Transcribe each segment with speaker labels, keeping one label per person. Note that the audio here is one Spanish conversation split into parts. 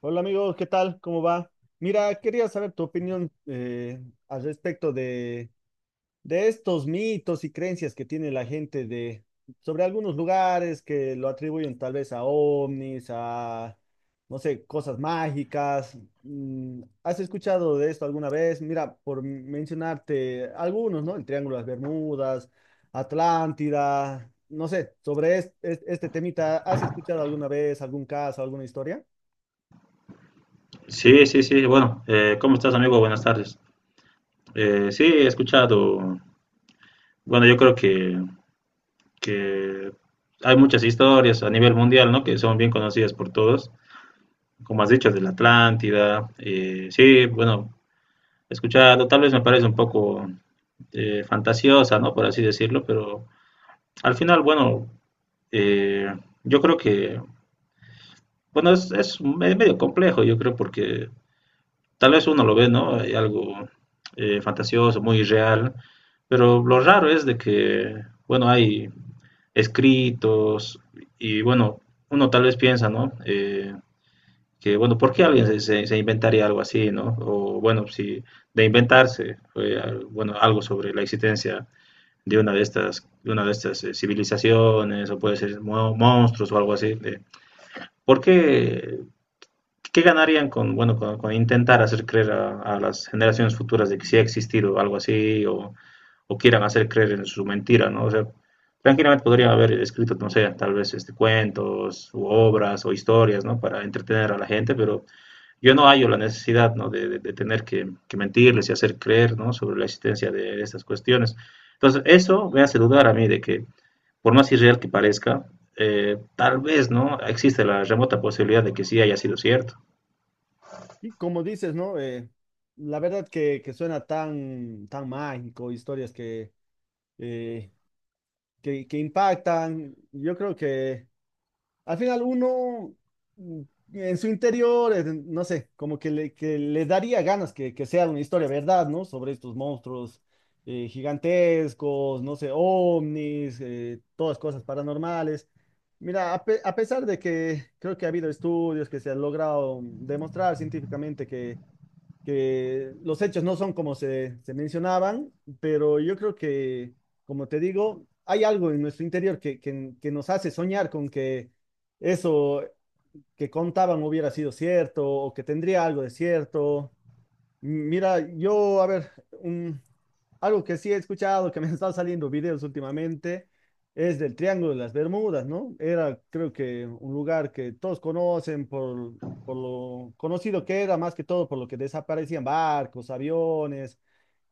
Speaker 1: Hola amigos, ¿qué tal? ¿Cómo va? Mira, quería saber tu opinión al respecto de estos mitos y creencias que tiene la gente sobre algunos lugares que lo atribuyen tal vez a ovnis, a, no sé, cosas mágicas. Mm, ¿has escuchado de esto alguna vez? Mira, por mencionarte algunos, ¿no? El Triángulo de las Bermudas, Atlántida, no sé, sobre este temita, ¿has escuchado alguna vez algún caso, alguna historia?
Speaker 2: Sí, sí, sí. Bueno, ¿cómo estás, amigo? Buenas tardes. Sí, he escuchado. Bueno, yo creo que hay muchas historias a nivel mundial, ¿no? Que son bien conocidas por todos. Como has dicho, de la Atlántida. Sí, bueno, he escuchado. Tal vez me parece un poco fantasiosa, ¿no? Por así decirlo, pero al final, bueno, eh, yo creo que. Bueno, es medio complejo, yo creo, porque. Tal vez uno lo ve, ¿no? Hay algo fantasioso, muy real, pero lo raro es de que, bueno, hay escritos y, bueno, uno tal vez piensa, ¿no? Que, bueno, ¿por qué alguien se inventaría algo así, ¿no? O, bueno, si de inventarse, fue, bueno, algo sobre la existencia de una de estas civilizaciones, o puede ser monstruos o algo así. ¿Por qué ¿Qué ganarían con, bueno, con intentar hacer creer a las generaciones futuras de que sí ha existido algo así o quieran hacer creer en su mentira, ¿no? O sea, tranquilamente podrían haber escrito, no sé, tal vez este, cuentos u obras o historias, ¿no? Para entretener a la gente, pero yo no hallo la necesidad, ¿no? De, de tener que mentirles y hacer creer, ¿no? Sobre la existencia de estas cuestiones. Entonces, eso me hace dudar a mí de que, por más irreal que parezca, tal vez, ¿no? Existe la remota posibilidad de que sí haya sido cierto.
Speaker 1: Y como dices, ¿no? La verdad que suena tan, tan mágico, historias eh, que impactan. Yo creo que al final uno, mm, en su interior, no sé, como que que le daría ganas que sea una historia verdad, ¿no? Sobre estos monstruos gigantescos, no sé, ovnis, todas cosas paranormales. Mira, a pesar de que creo que ha habido estudios que se han logrado demostrar científicamente que los hechos no son como se mencionaban, pero yo creo que, como te digo, hay algo en nuestro interior que nos hace soñar con que eso que contaban hubiera sido cierto o que tendría algo de cierto. Mira, yo, a ver, un, algo que sí he escuchado, que me han estado saliendo videos últimamente, es del Triángulo de las Bermudas, ¿no? Era, creo que, un lugar que todos conocen por lo conocido que era, más que todo por lo que desaparecían barcos, aviones,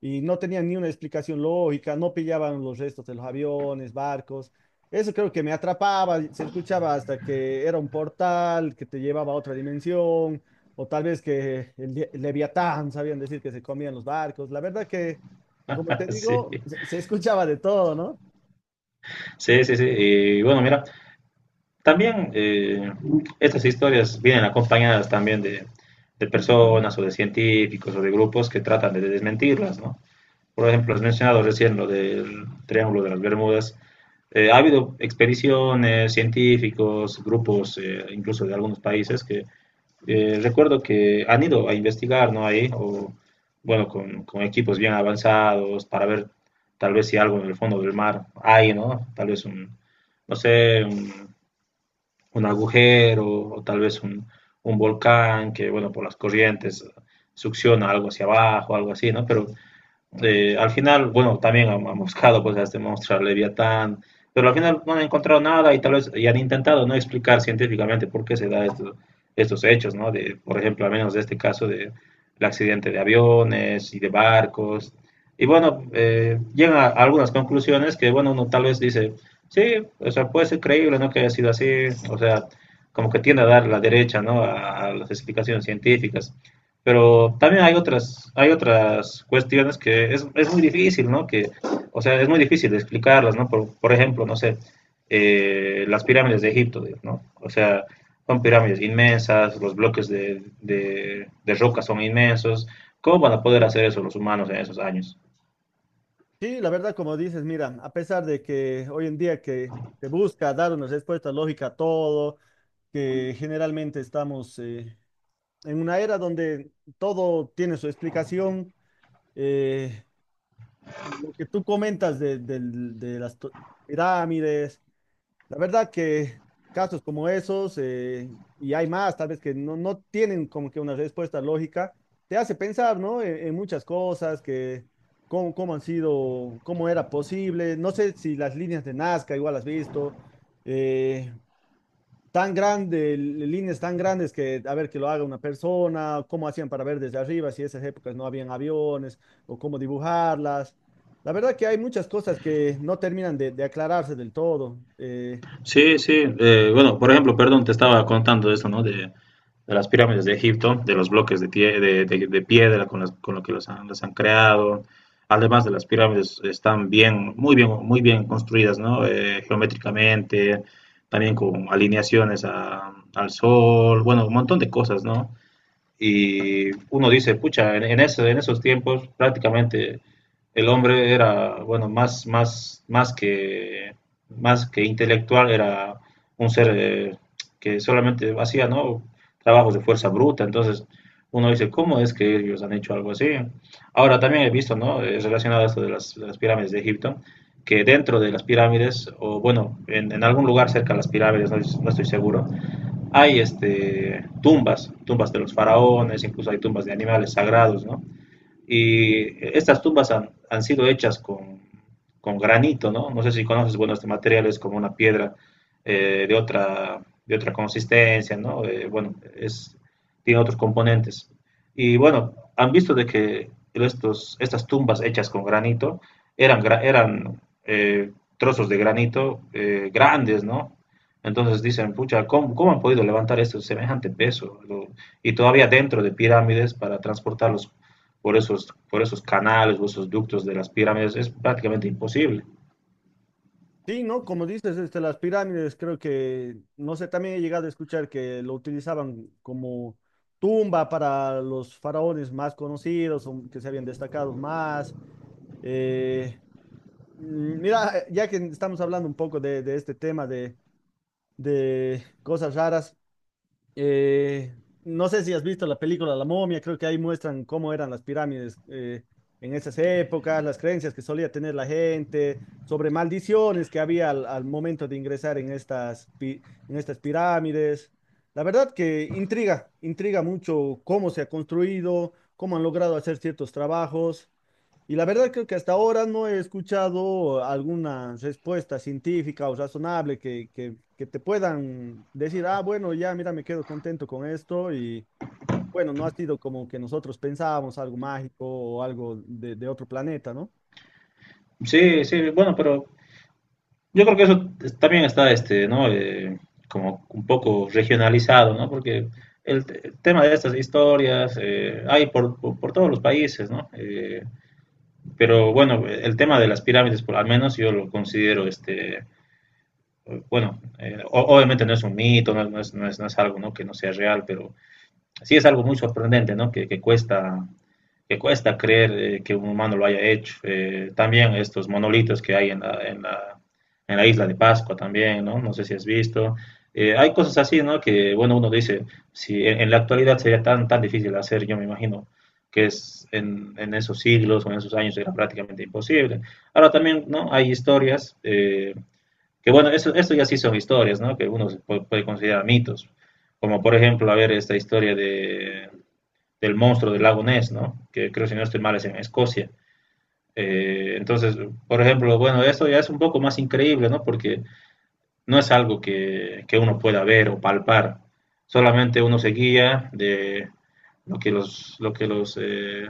Speaker 1: y no tenían ni una explicación lógica, no pillaban los restos de los aviones, barcos. Eso creo que me atrapaba, se escuchaba hasta que era un portal que te llevaba a otra dimensión, o tal vez que el Leviatán, sabían decir que se comían los barcos. La verdad que... Como te
Speaker 2: Sí,
Speaker 1: digo, se escuchaba de todo, ¿no?
Speaker 2: sí, sí, sí. Y bueno, mira, también estas historias vienen acompañadas también de personas o de científicos o de grupos que tratan de desmentirlas, ¿no? Por ejemplo, has mencionado recién lo del Triángulo de las Bermudas. Ha habido expediciones, científicos, grupos, incluso de algunos países, que recuerdo que han ido a investigar, ¿no? Ahí, o bueno, con equipos bien avanzados para ver tal vez si algo en el fondo del mar hay, ¿no? Tal vez no sé, un agujero o tal vez un volcán que, bueno, por las corrientes succiona algo hacia abajo, algo así, ¿no? Pero al final, bueno, también han buscado pues a este monstruo, a Leviatán, pero al final no han encontrado nada y tal vez y han intentado no explicar científicamente por qué se da estos hechos, ¿no? De, por ejemplo, al menos de este caso de el accidente de aviones y de barcos. Y bueno, llegan a algunas conclusiones que, bueno, uno tal vez dice, sí, o sea, puede ser creíble, ¿no? Que haya sido así, o sea, como que tiende a dar la derecha, ¿no? A las explicaciones científicas. Pero también hay otras cuestiones que es muy difícil, ¿no? Que, o sea, es muy difícil explicarlas, ¿no? Por ejemplo, no sé, las pirámides de Egipto, ¿no? O sea, son pirámides inmensas, los bloques de, de roca son inmensos. ¿Cómo van a poder hacer eso los humanos en esos años?
Speaker 1: Sí, la verdad, como dices, mira, a pesar de que hoy en día que se busca dar una respuesta lógica a todo, que generalmente estamos, en una era donde todo tiene su explicación, eh, lo que tú comentas de pirámides. La verdad que casos como esos, y hay más, tal vez que no, no tienen como que una respuesta lógica, te hace pensar, ¿no? En muchas cosas, que cómo, cómo han sido, cómo era posible. No sé si las líneas de Nazca igual has visto, eh, tan grandes líneas tan grandes que, a ver, que lo haga una persona, cómo hacían para ver desde arriba, si en esas épocas no habían aviones, o cómo dibujarlas. La verdad que hay muchas cosas que no terminan de aclararse del todo. Eh,
Speaker 2: Sí, sí. Bueno, por ejemplo, perdón, te estaba contando de esto, ¿no? De las pirámides de Egipto, de los bloques de, de, de piedra con, con lo que los han, las han creado. Además de las pirámides, están bien, muy bien, muy bien construidas, ¿no? Geométricamente, también con alineaciones al sol, bueno, un montón de cosas, ¿no? Y uno dice, pucha, en esos tiempos prácticamente el hombre era, bueno, más, más que intelectual, era un ser que solamente hacía, ¿no? Trabajos de fuerza bruta, entonces uno dice, ¿cómo es que ellos han hecho algo así? Ahora también he visto, ¿no? Es relacionado a esto de las pirámides de Egipto, que dentro de las pirámides, o bueno, en algún lugar cerca de las pirámides, no, no estoy seguro, hay este, tumbas, tumbas de los faraones, incluso hay tumbas de animales sagrados, ¿no? Y estas tumbas han sido hechas con granito, ¿no? No sé si conoces, bueno, este material es como una piedra eh, de otra, de otra consistencia, ¿no? Bueno, es, tiene otros componentes. Y bueno, han visto de que estas tumbas hechas con granito eran trozos de granito grandes, ¿no? Entonces dicen, pucha, ¿cómo han podido levantar esto semejante peso? Lo, y todavía dentro de pirámides para transportarlos por esos canales o esos ductos de las pirámides es prácticamente imposible.
Speaker 1: sí, ¿no? Como dices, este, las pirámides, creo que, no sé, también he llegado a escuchar que lo utilizaban como tumba para los faraones más conocidos o que se habían destacado más. Eh, mm, mira, ya que estamos hablando un poco de este tema de cosas raras, eh, no sé si has visto la película La Momia, creo que ahí muestran cómo eran las pirámides, en esas épocas, las creencias que solía tener la gente, sobre maldiciones que había al momento de ingresar en estas, en estas pirámides. La verdad que intriga, intriga mucho cómo se ha construido, cómo han logrado hacer ciertos trabajos. Y la verdad creo que hasta ahora no he escuchado alguna respuesta científica o razonable que te puedan decir, ah, bueno, ya, mira, me quedo contento con esto y bueno, no ha sido como que nosotros pensábamos algo mágico o algo de otro planeta, ¿no?
Speaker 2: Sí, sí, bueno, pero yo creo que eso también está, este, ¿no? Como un poco regionalizado, ¿no? Porque el tema de estas historias hay por, por todos los países, ¿no? Pero bueno, el tema de las pirámides, por al menos yo lo considero, este, bueno, obviamente no es un mito, no es algo, ¿no? que no sea real, pero sí es algo muy sorprendente, ¿no? Que, que cuesta creer que un humano lo haya hecho. También estos monolitos que hay en en la isla de Pascua también, ¿no? No sé si has visto. Hay cosas así, ¿no? Que, bueno, uno dice, si en la actualidad sería tan difícil hacer, yo me imagino que es en esos siglos o en esos años era prácticamente imposible. Ahora también, ¿no? Hay historias que bueno, eso, esto ya sí son historias, ¿no? Que uno puede considerar mitos. Como por ejemplo, a ver, esta historia de, del monstruo del lago Ness, ¿no? Que creo, si no estoy mal, es en Escocia. Entonces, por ejemplo, bueno, esto ya es un poco más increíble, ¿no? Porque no es algo que uno pueda ver o palpar. Solamente uno se guía de lo que los,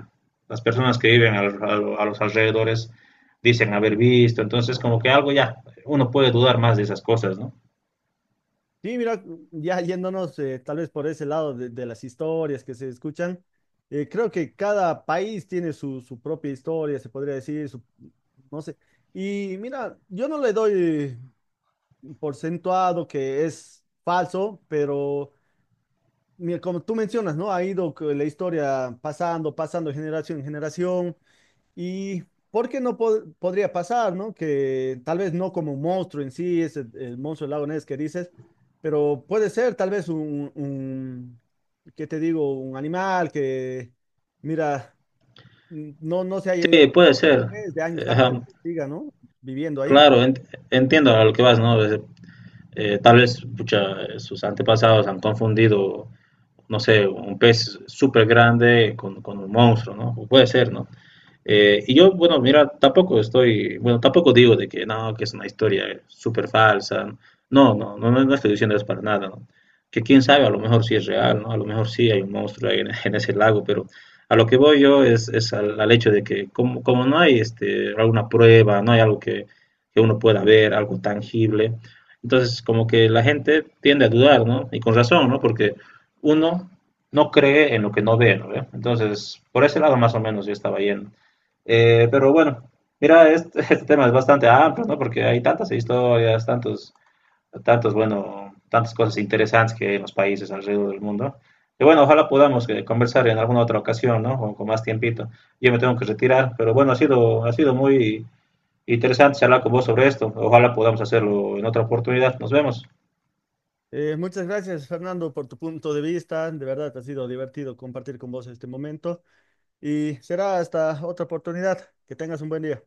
Speaker 2: las personas que viven a, a los alrededores dicen haber visto. Entonces, como que algo ya, uno puede dudar más de esas cosas, ¿no?
Speaker 1: Sí, mira, ya yéndonos, tal vez por ese lado de las historias que se escuchan, creo que cada país tiene su, su propia historia, se podría decir, su, no sé. Y mira, yo no le doy porcentuado que es falso, pero mira, como tú mencionas, ¿no? Ha ido que la historia pasando, pasando de generación en generación y ¿por qué no podría pasar, ¿no? Que tal vez no como un monstruo en sí, es el monstruo del lago Ness que dices, pero puede ser tal vez un ¿qué te digo? Un animal que, mira, no se haya
Speaker 2: Sí, puede ser.
Speaker 1: desde años
Speaker 2: Ajá,
Speaker 1: antes, que siga, ¿no? Viviendo ahí.
Speaker 2: claro, entiendo a lo que vas, ¿no? Tal vez pucha, sus antepasados han confundido, no sé, un pez súper grande con un monstruo, ¿no? Puede ser, ¿no? Y yo, bueno, mira, tampoco estoy, bueno, tampoco digo de que no, que es una historia súper falsa. No, no, no, no estoy diciendo eso para nada, ¿no? Que quién sabe, a lo mejor sí es real, ¿no? A lo mejor sí hay un monstruo ahí en, en ese lago, pero a lo que voy yo es al, al hecho de que como no hay este, alguna prueba, no hay algo que uno pueda ver, algo tangible, entonces como que la gente tiende a dudar, ¿no? Y con razón, ¿no? Porque uno no cree en lo que no ve, ¿no? ¿Ve? Entonces, por ese lado más o menos yo estaba yendo. Pero bueno, mira, este, este tema es bastante amplio, ¿no? Porque hay tantas historias, tantos, tantos, bueno, tantas cosas interesantes que hay en los países alrededor del mundo. Y bueno, ojalá podamos conversar en alguna otra ocasión, ¿no? Con más tiempito. Yo me tengo que retirar, pero bueno, ha sido muy interesante charlar con vos sobre esto. Ojalá podamos hacerlo en otra oportunidad. Nos vemos.
Speaker 1: Muchas gracias, Fernando, por tu punto de vista. De verdad, ha sido divertido compartir con vos este momento y será hasta otra oportunidad. Que tengas un buen día.